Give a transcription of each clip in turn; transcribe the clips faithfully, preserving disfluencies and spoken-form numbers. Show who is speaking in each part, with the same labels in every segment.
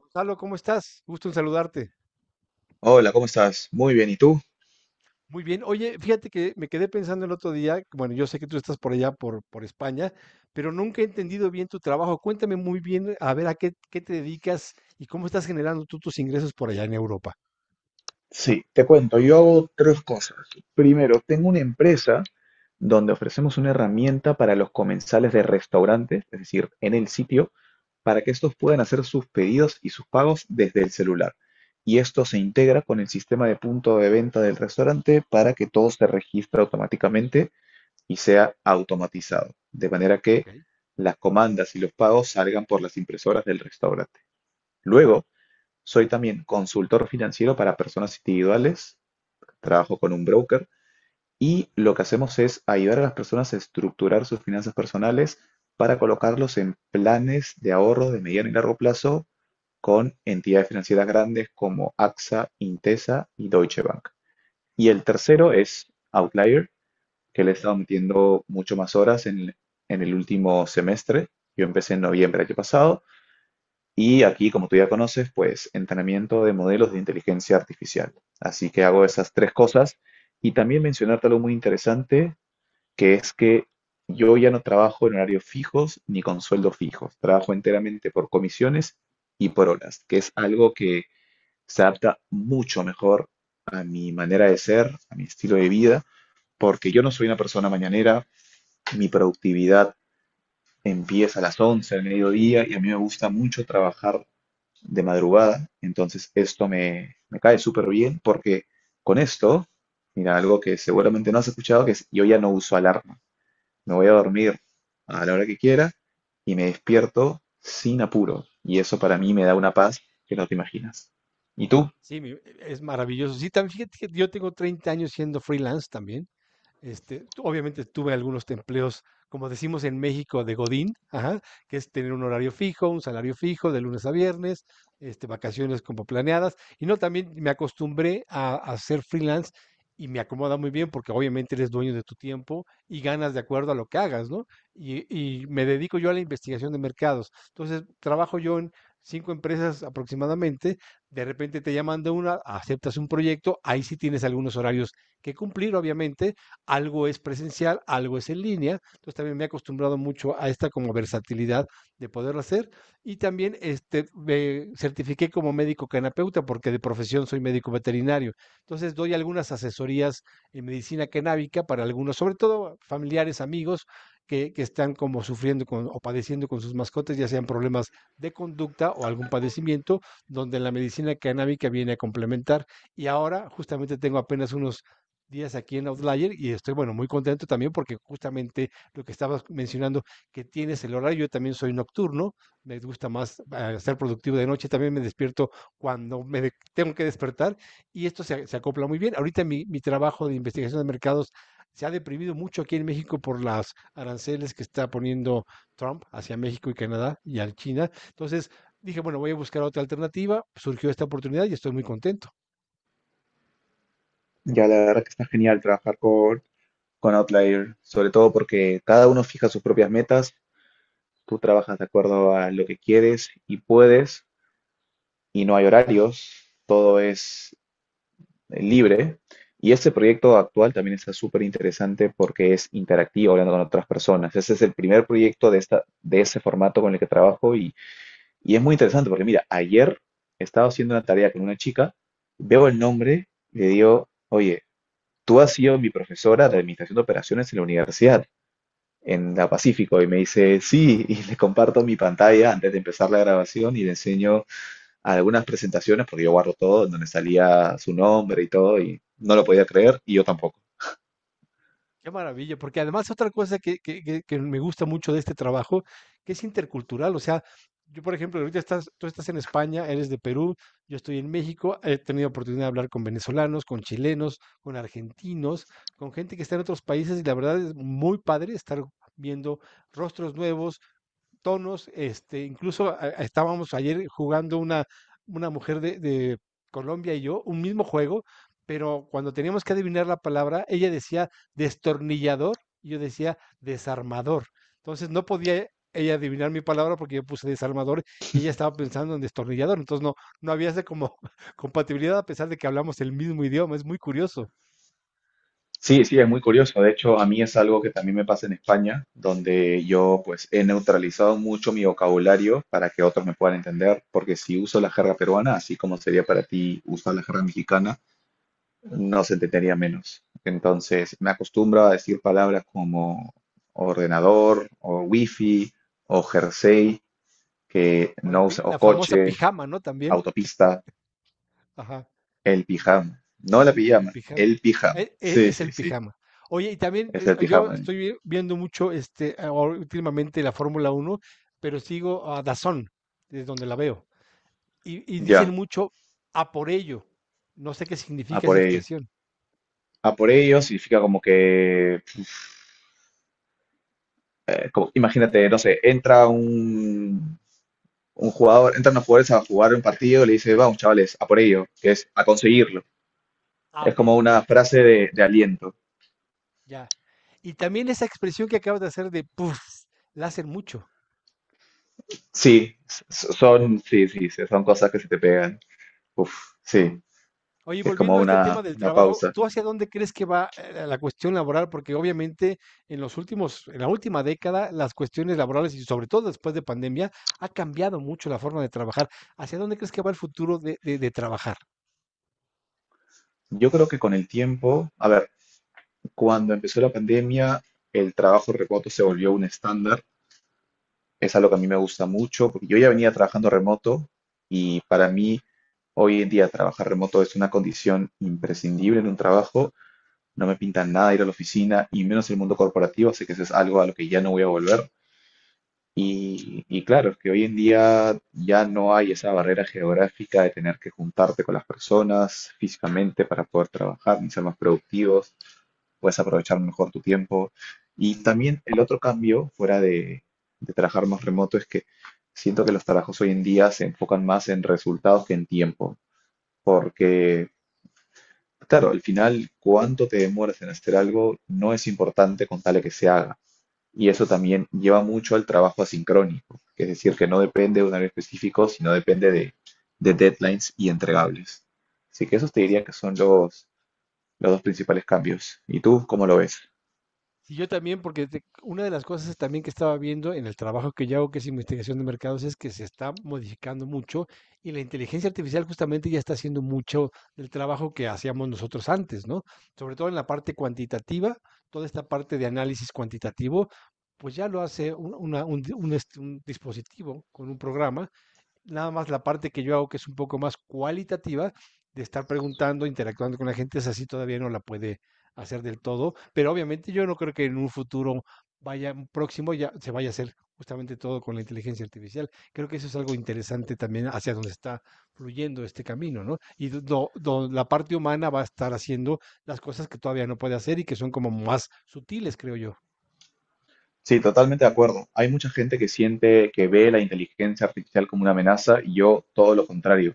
Speaker 1: Gonzalo, ¿cómo estás? Gusto en saludarte.
Speaker 2: Hola, ¿cómo estás? Muy bien, ¿y tú?
Speaker 1: Muy bien. Oye, fíjate que me quedé pensando el otro día, bueno, yo sé que tú estás por allá, por, por España, pero nunca he entendido bien tu trabajo. Cuéntame muy bien, a ver, a qué, qué te dedicas y cómo estás generando tú tus ingresos por allá en Europa.
Speaker 2: Sí, te cuento, yo hago tres cosas. Primero, tengo una empresa donde ofrecemos una herramienta para los comensales de restaurantes, es decir, en el sitio, para que estos puedan hacer sus pedidos y sus pagos desde el celular. Y esto se integra con el sistema de punto de venta del restaurante para que todo se registre automáticamente y sea automatizado, de manera
Speaker 1: Ok.
Speaker 2: que las comandas y los pagos salgan por las impresoras del restaurante. Luego, soy también consultor financiero para personas individuales, trabajo con un broker y lo que hacemos es ayudar a las personas a estructurar sus finanzas personales para colocarlos en planes de ahorro de mediano y largo plazo con entidades financieras grandes como AXA, Intesa y Deutsche Bank. Y el tercero es Outlier, que le he
Speaker 1: Ajá.
Speaker 2: estado metiendo mucho más horas en, en el último semestre. Yo empecé en noviembre del año pasado y aquí, como tú ya conoces, pues entrenamiento de modelos de inteligencia artificial. Así que hago esas tres cosas. Y también mencionarte algo muy interesante, que es que yo ya no trabajo en horarios fijos ni con sueldos fijos. Trabajo enteramente por comisiones y por horas, que es algo que se adapta mucho mejor a mi manera de ser, a mi estilo de vida, porque yo no soy una persona mañanera. Mi productividad empieza a las once del mediodía y a mí me gusta mucho trabajar de madrugada. Entonces esto me, me cae súper bien porque con esto, mira, algo que seguramente no has escuchado, que es yo ya no uso alarma. Me voy a dormir a la hora que quiera y me despierto sin apuro. Y eso para mí me da una paz que no te imaginas. ¿Y tú?
Speaker 1: Sí, mi- es maravilloso. Sí, también fíjate que yo tengo treinta años siendo freelance también. Este, obviamente tuve algunos empleos, como decimos en México, de Godín, ajá, que es tener un horario fijo, un salario fijo de lunes a viernes, este, vacaciones como planeadas. Y no, también me acostumbré a, a ser freelance y me acomoda muy bien porque obviamente eres dueño de tu tiempo y ganas de acuerdo a lo que hagas, ¿no? Y, y me dedico yo a la investigación de mercados. Entonces, trabajo yo en cinco empresas aproximadamente, de repente te llaman de una, aceptas un proyecto, ahí sí tienes algunos horarios que cumplir, obviamente, algo es presencial, algo es en línea. Entonces también me he acostumbrado mucho a esta como versatilidad de poderlo hacer. Y también este, me certifiqué como médico canapeuta porque de profesión soy médico veterinario. Entonces doy algunas asesorías en medicina canábica para algunos, sobre todo familiares, amigos, que, que, están como sufriendo con, o padeciendo con sus mascotas, ya sean problemas de conducta o algún padecimiento, donde la medicina canábica viene a complementar. Y ahora justamente tengo apenas unos días aquí en Outlier y estoy, bueno, muy contento también porque justamente lo que estabas mencionando, que tienes el horario, yo también soy nocturno, me gusta más eh, ser productivo de noche, también me despierto cuando me de- tengo que despertar y esto se, se acopla muy bien. Ahorita mi, mi trabajo de investigación de mercados se ha deprimido mucho aquí en México por las aranceles que está poniendo Trump hacia México y Canadá y a China. Entonces dije, bueno, voy a buscar otra alternativa, surgió esta oportunidad y estoy muy contento.
Speaker 2: Ya la verdad que está genial trabajar con, con Outlier, sobre todo porque cada uno fija sus propias metas, tú trabajas de acuerdo a lo que quieres y puedes, y no hay horarios, todo es eh, libre. Y este proyecto actual también está súper interesante porque es interactivo, hablando con otras personas. Ese es el primer proyecto de, esta, de ese formato con el que trabajo y, y es muy interesante porque, mira, ayer estaba haciendo una tarea con una chica, veo el nombre, le digo, oye, tú has sido mi profesora de Administración de Operaciones en la universidad, en la Pacífico, y me dice, sí, y le comparto mi pantalla antes de empezar la grabación y le enseño algunas presentaciones, porque yo guardo todo, en donde salía su nombre y todo, y no lo podía creer, y yo tampoco.
Speaker 1: Qué maravilla, porque además otra cosa que, que, que- que me gusta mucho de este trabajo, que es intercultural, o sea, yo por ejemplo, ahorita estás, tú estás en España, eres de Perú, yo estoy en México, he tenido oportunidad de hablar con venezolanos, con chilenos, con argentinos, con gente que está en otros países y la verdad es muy padre estar viendo rostros nuevos, tonos, este, incluso a- a- estábamos ayer jugando una, una mujer de, de Colombia y yo, un mismo juego, pero cuando teníamos que adivinar la palabra, ella decía destornillador y yo decía desarmador. Entonces no podía ella adivinar mi palabra porque yo puse desarmador y ella estaba pensando en destornillador. Entonces no, no había esa como compatibilidad a pesar de que hablamos el mismo idioma. Es muy curioso.
Speaker 2: Sí, sí, es muy curioso. De hecho, a mí es algo que también me pasa en España, donde yo pues he neutralizado mucho mi vocabulario para que otros me puedan entender, porque si uso la jerga peruana, así como sería para ti usar la jerga mexicana, no se entendería menos. Entonces, me acostumbro a decir palabras como ordenador o wifi o jersey, que
Speaker 1: O la,
Speaker 2: no
Speaker 1: pi-
Speaker 2: usa, o
Speaker 1: la famosa
Speaker 2: coche,
Speaker 1: pijama, ¿no? También.
Speaker 2: autopista,
Speaker 1: Ajá.
Speaker 2: el pijama. No la
Speaker 1: El
Speaker 2: pijama,
Speaker 1: pijama.
Speaker 2: el pijama.
Speaker 1: Eh, eh,
Speaker 2: Sí,
Speaker 1: Es
Speaker 2: sí,
Speaker 1: el
Speaker 2: sí.
Speaker 1: pijama. Oye, y también
Speaker 2: Es
Speaker 1: eh,
Speaker 2: el
Speaker 1: yo
Speaker 2: pijama, ¿eh?
Speaker 1: estoy vi- viendo mucho este ahora últimamente la Fórmula uno, pero sigo a Dazón, es donde la veo. Y, y dicen
Speaker 2: Ya,
Speaker 1: mucho a por ello. No sé qué
Speaker 2: a
Speaker 1: significa esa
Speaker 2: por ello.
Speaker 1: expresión.
Speaker 2: A por ello significa como que, eh, como-
Speaker 1: Y-
Speaker 2: imagínate, no sé, entra un, un jugador, entran los jugadores a jugar un partido y le dice, vamos, chavales, a por ello, que es a conseguirlo.
Speaker 1: ah,
Speaker 2: Es
Speaker 1: ok,
Speaker 2: como una
Speaker 1: ya,
Speaker 2: frase de, de aliento.
Speaker 1: ya. Y también esa expresión que acabas de hacer de puff, la hacen mucho.
Speaker 2: Sí, s- s- son, sí, sí, sí, son cosas que se te pegan. Uf, sí,
Speaker 1: Oye, y
Speaker 2: que es como
Speaker 1: volviendo a este
Speaker 2: una,
Speaker 1: tema del
Speaker 2: una
Speaker 1: trabajo,
Speaker 2: pausa.
Speaker 1: ¿tú hacia dónde crees que va, eh, la cuestión laboral? Porque obviamente en los últimos, en la última década, las cuestiones laborales y sobre todo después de pandemia, ha cambiado mucho la forma de trabajar. ¿Hacia dónde crees que va el futuro de, de de trabajar?
Speaker 2: Yo creo que con el tiempo, a ver, cuando empezó la pandemia, el trabajo remoto se volvió un estándar. Es algo que a mí me gusta mucho, porque yo ya venía trabajando remoto y para mí hoy en día trabajar remoto es una condición imprescindible en un trabajo. No me pinta nada ir a la oficina y menos el mundo corporativo, así que eso es algo a lo que ya no voy a volver. Y, y claro, es que hoy en día ya no hay esa barrera geográfica de tener que juntarte con las personas físicamente para poder trabajar ni ser más productivos, puedes aprovechar mejor tu tiempo. Y también el otro cambio, fuera de, de trabajar más remoto, es que siento que los trabajos hoy en día se enfocan más en resultados que en tiempo, porque, claro, al final, cuánto te demoras en hacer algo no es importante con tal de que se haga. Y eso también lleva mucho al trabajo asincrónico, que es decir, que no depende de un área específico, sino depende de, de deadlines y entregables. Así que esos te diría que
Speaker 1: Exacto.
Speaker 2: son los, los dos principales cambios. ¿Y tú cómo lo ves?
Speaker 1: Sí, yo también, porque te- una de las cosas también que estaba viendo en el trabajo que yo hago, que es investigación de mercados, es que se está modificando mucho y la inteligencia artificial justamente ya está haciendo mucho del trabajo que hacíamos nosotros antes, ¿no? Sobre todo en la parte cuantitativa, toda esta parte de análisis cuantitativo, pues ya lo hace un, una- un di- un este- un dispositivo con un programa. Nada más la parte que yo hago, que es un poco más cualitativa, de estar preguntando, interactuando con la gente, es así todavía no la puede hacer del todo, pero obviamente yo no creo que en un futuro vaya próximo ya se vaya a hacer justamente todo con la inteligencia artificial. Creo que eso es algo interesante también hacia donde está fluyendo este camino, ¿no? Y do- do- la parte humana va a estar haciendo las cosas que todavía no puede hacer y que son como más sutiles, creo yo.
Speaker 2: Sí, totalmente de acuerdo. Hay mucha gente que siente que ve la inteligencia artificial como una amenaza y yo todo lo contrario.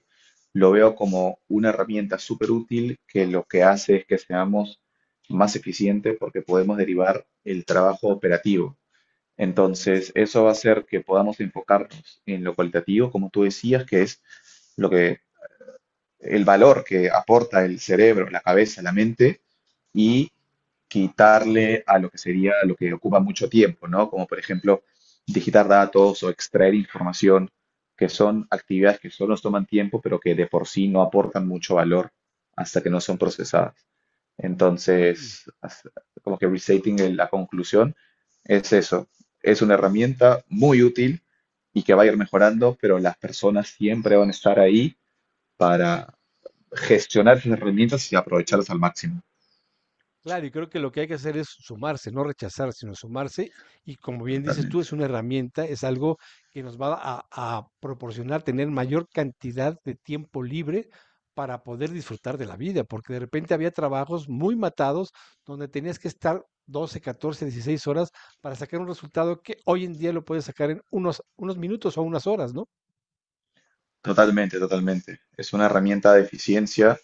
Speaker 2: Lo veo como una herramienta súper útil que lo que hace es que seamos más eficientes porque podemos derivar el trabajo operativo. Entonces, eso va a hacer que podamos enfocarnos en lo cualitativo, como tú decías, que es lo que el valor que aporta el cerebro, la cabeza, la mente y quitarle a lo que sería lo que ocupa mucho tiempo, ¿no? Como por ejemplo digitar datos o extraer información, que son actividades que solo nos toman tiempo, pero que de por sí no aportan mucho valor hasta que no son procesadas.
Speaker 1: Sí.
Speaker 2: Entonces, as- como que restating el- la conclusión es eso, es una herramienta muy útil y que va a ir mejorando, pero las personas siempre van a estar ahí para gestionar esas herramientas y aprovecharlas al máximo.
Speaker 1: Claro, y creo que lo que hay que hacer es sumarse, no rechazar, sino sumarse. Y como bien dices tú,
Speaker 2: Totalmente,
Speaker 1: es una herramienta, es algo que nos va a, a proporcionar tener mayor cantidad de tiempo libre para poder disfrutar de la vida, porque de repente había trabajos muy matados donde tenías que estar doce, catorce, dieciséis horas para sacar un resultado que hoy en día lo puedes sacar en unos, unos minutos o unas horas, ¿no?
Speaker 2: totalmente, totalmente. Es una herramienta de eficiencia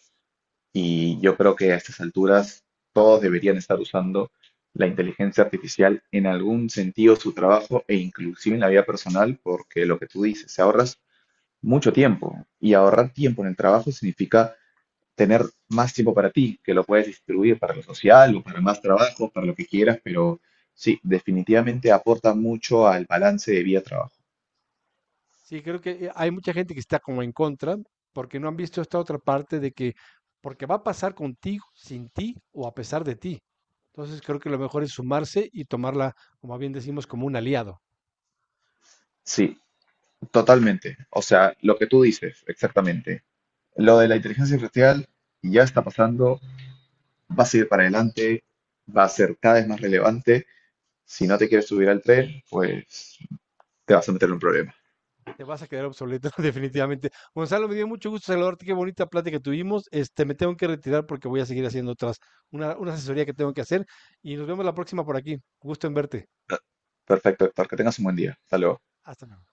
Speaker 2: y yo creo que a estas alturas todos deberían estar usando la inteligencia artificial en algún sentido, su trabajo e inclusive en la vida personal, porque lo que tú dices, se ahorras mucho tiempo y ahorrar tiempo en el trabajo significa tener más tiempo para ti, que lo puedes distribuir para lo social o para más trabajo, para lo que quieras, pero sí, definitivamente aporta mucho al balance de vida-trabajo.
Speaker 1: Sí, creo que eh, hay mucha gente que está como en contra porque no han visto esta otra parte de que porque va a pasar contigo, sin ti o a pesar de ti. Entonces creo que lo mejor es sumarse y tomarla, como bien decimos, como un aliado.
Speaker 2: Sí, totalmente. O sea, lo que tú dices, exactamente. Lo de la inteligencia artificial ya está pasando, va a seguir para adelante, va a ser cada vez más relevante. Si no te quieres subir al tren, pues te vas a meter en un problema.
Speaker 1: Te vas a quedar obsoleto definitivamente. Gonzalo, me dio mucho gusto saludarte, qué bonita plática tuvimos. Este, me tengo que retirar porque voy a seguir haciendo otras, una, una asesoría que tengo que hacer y nos vemos la próxima por aquí. Gusto en verte.
Speaker 2: Perfecto, Héctor, que tengas un buen día. Hasta luego.
Speaker 1: Hasta luego.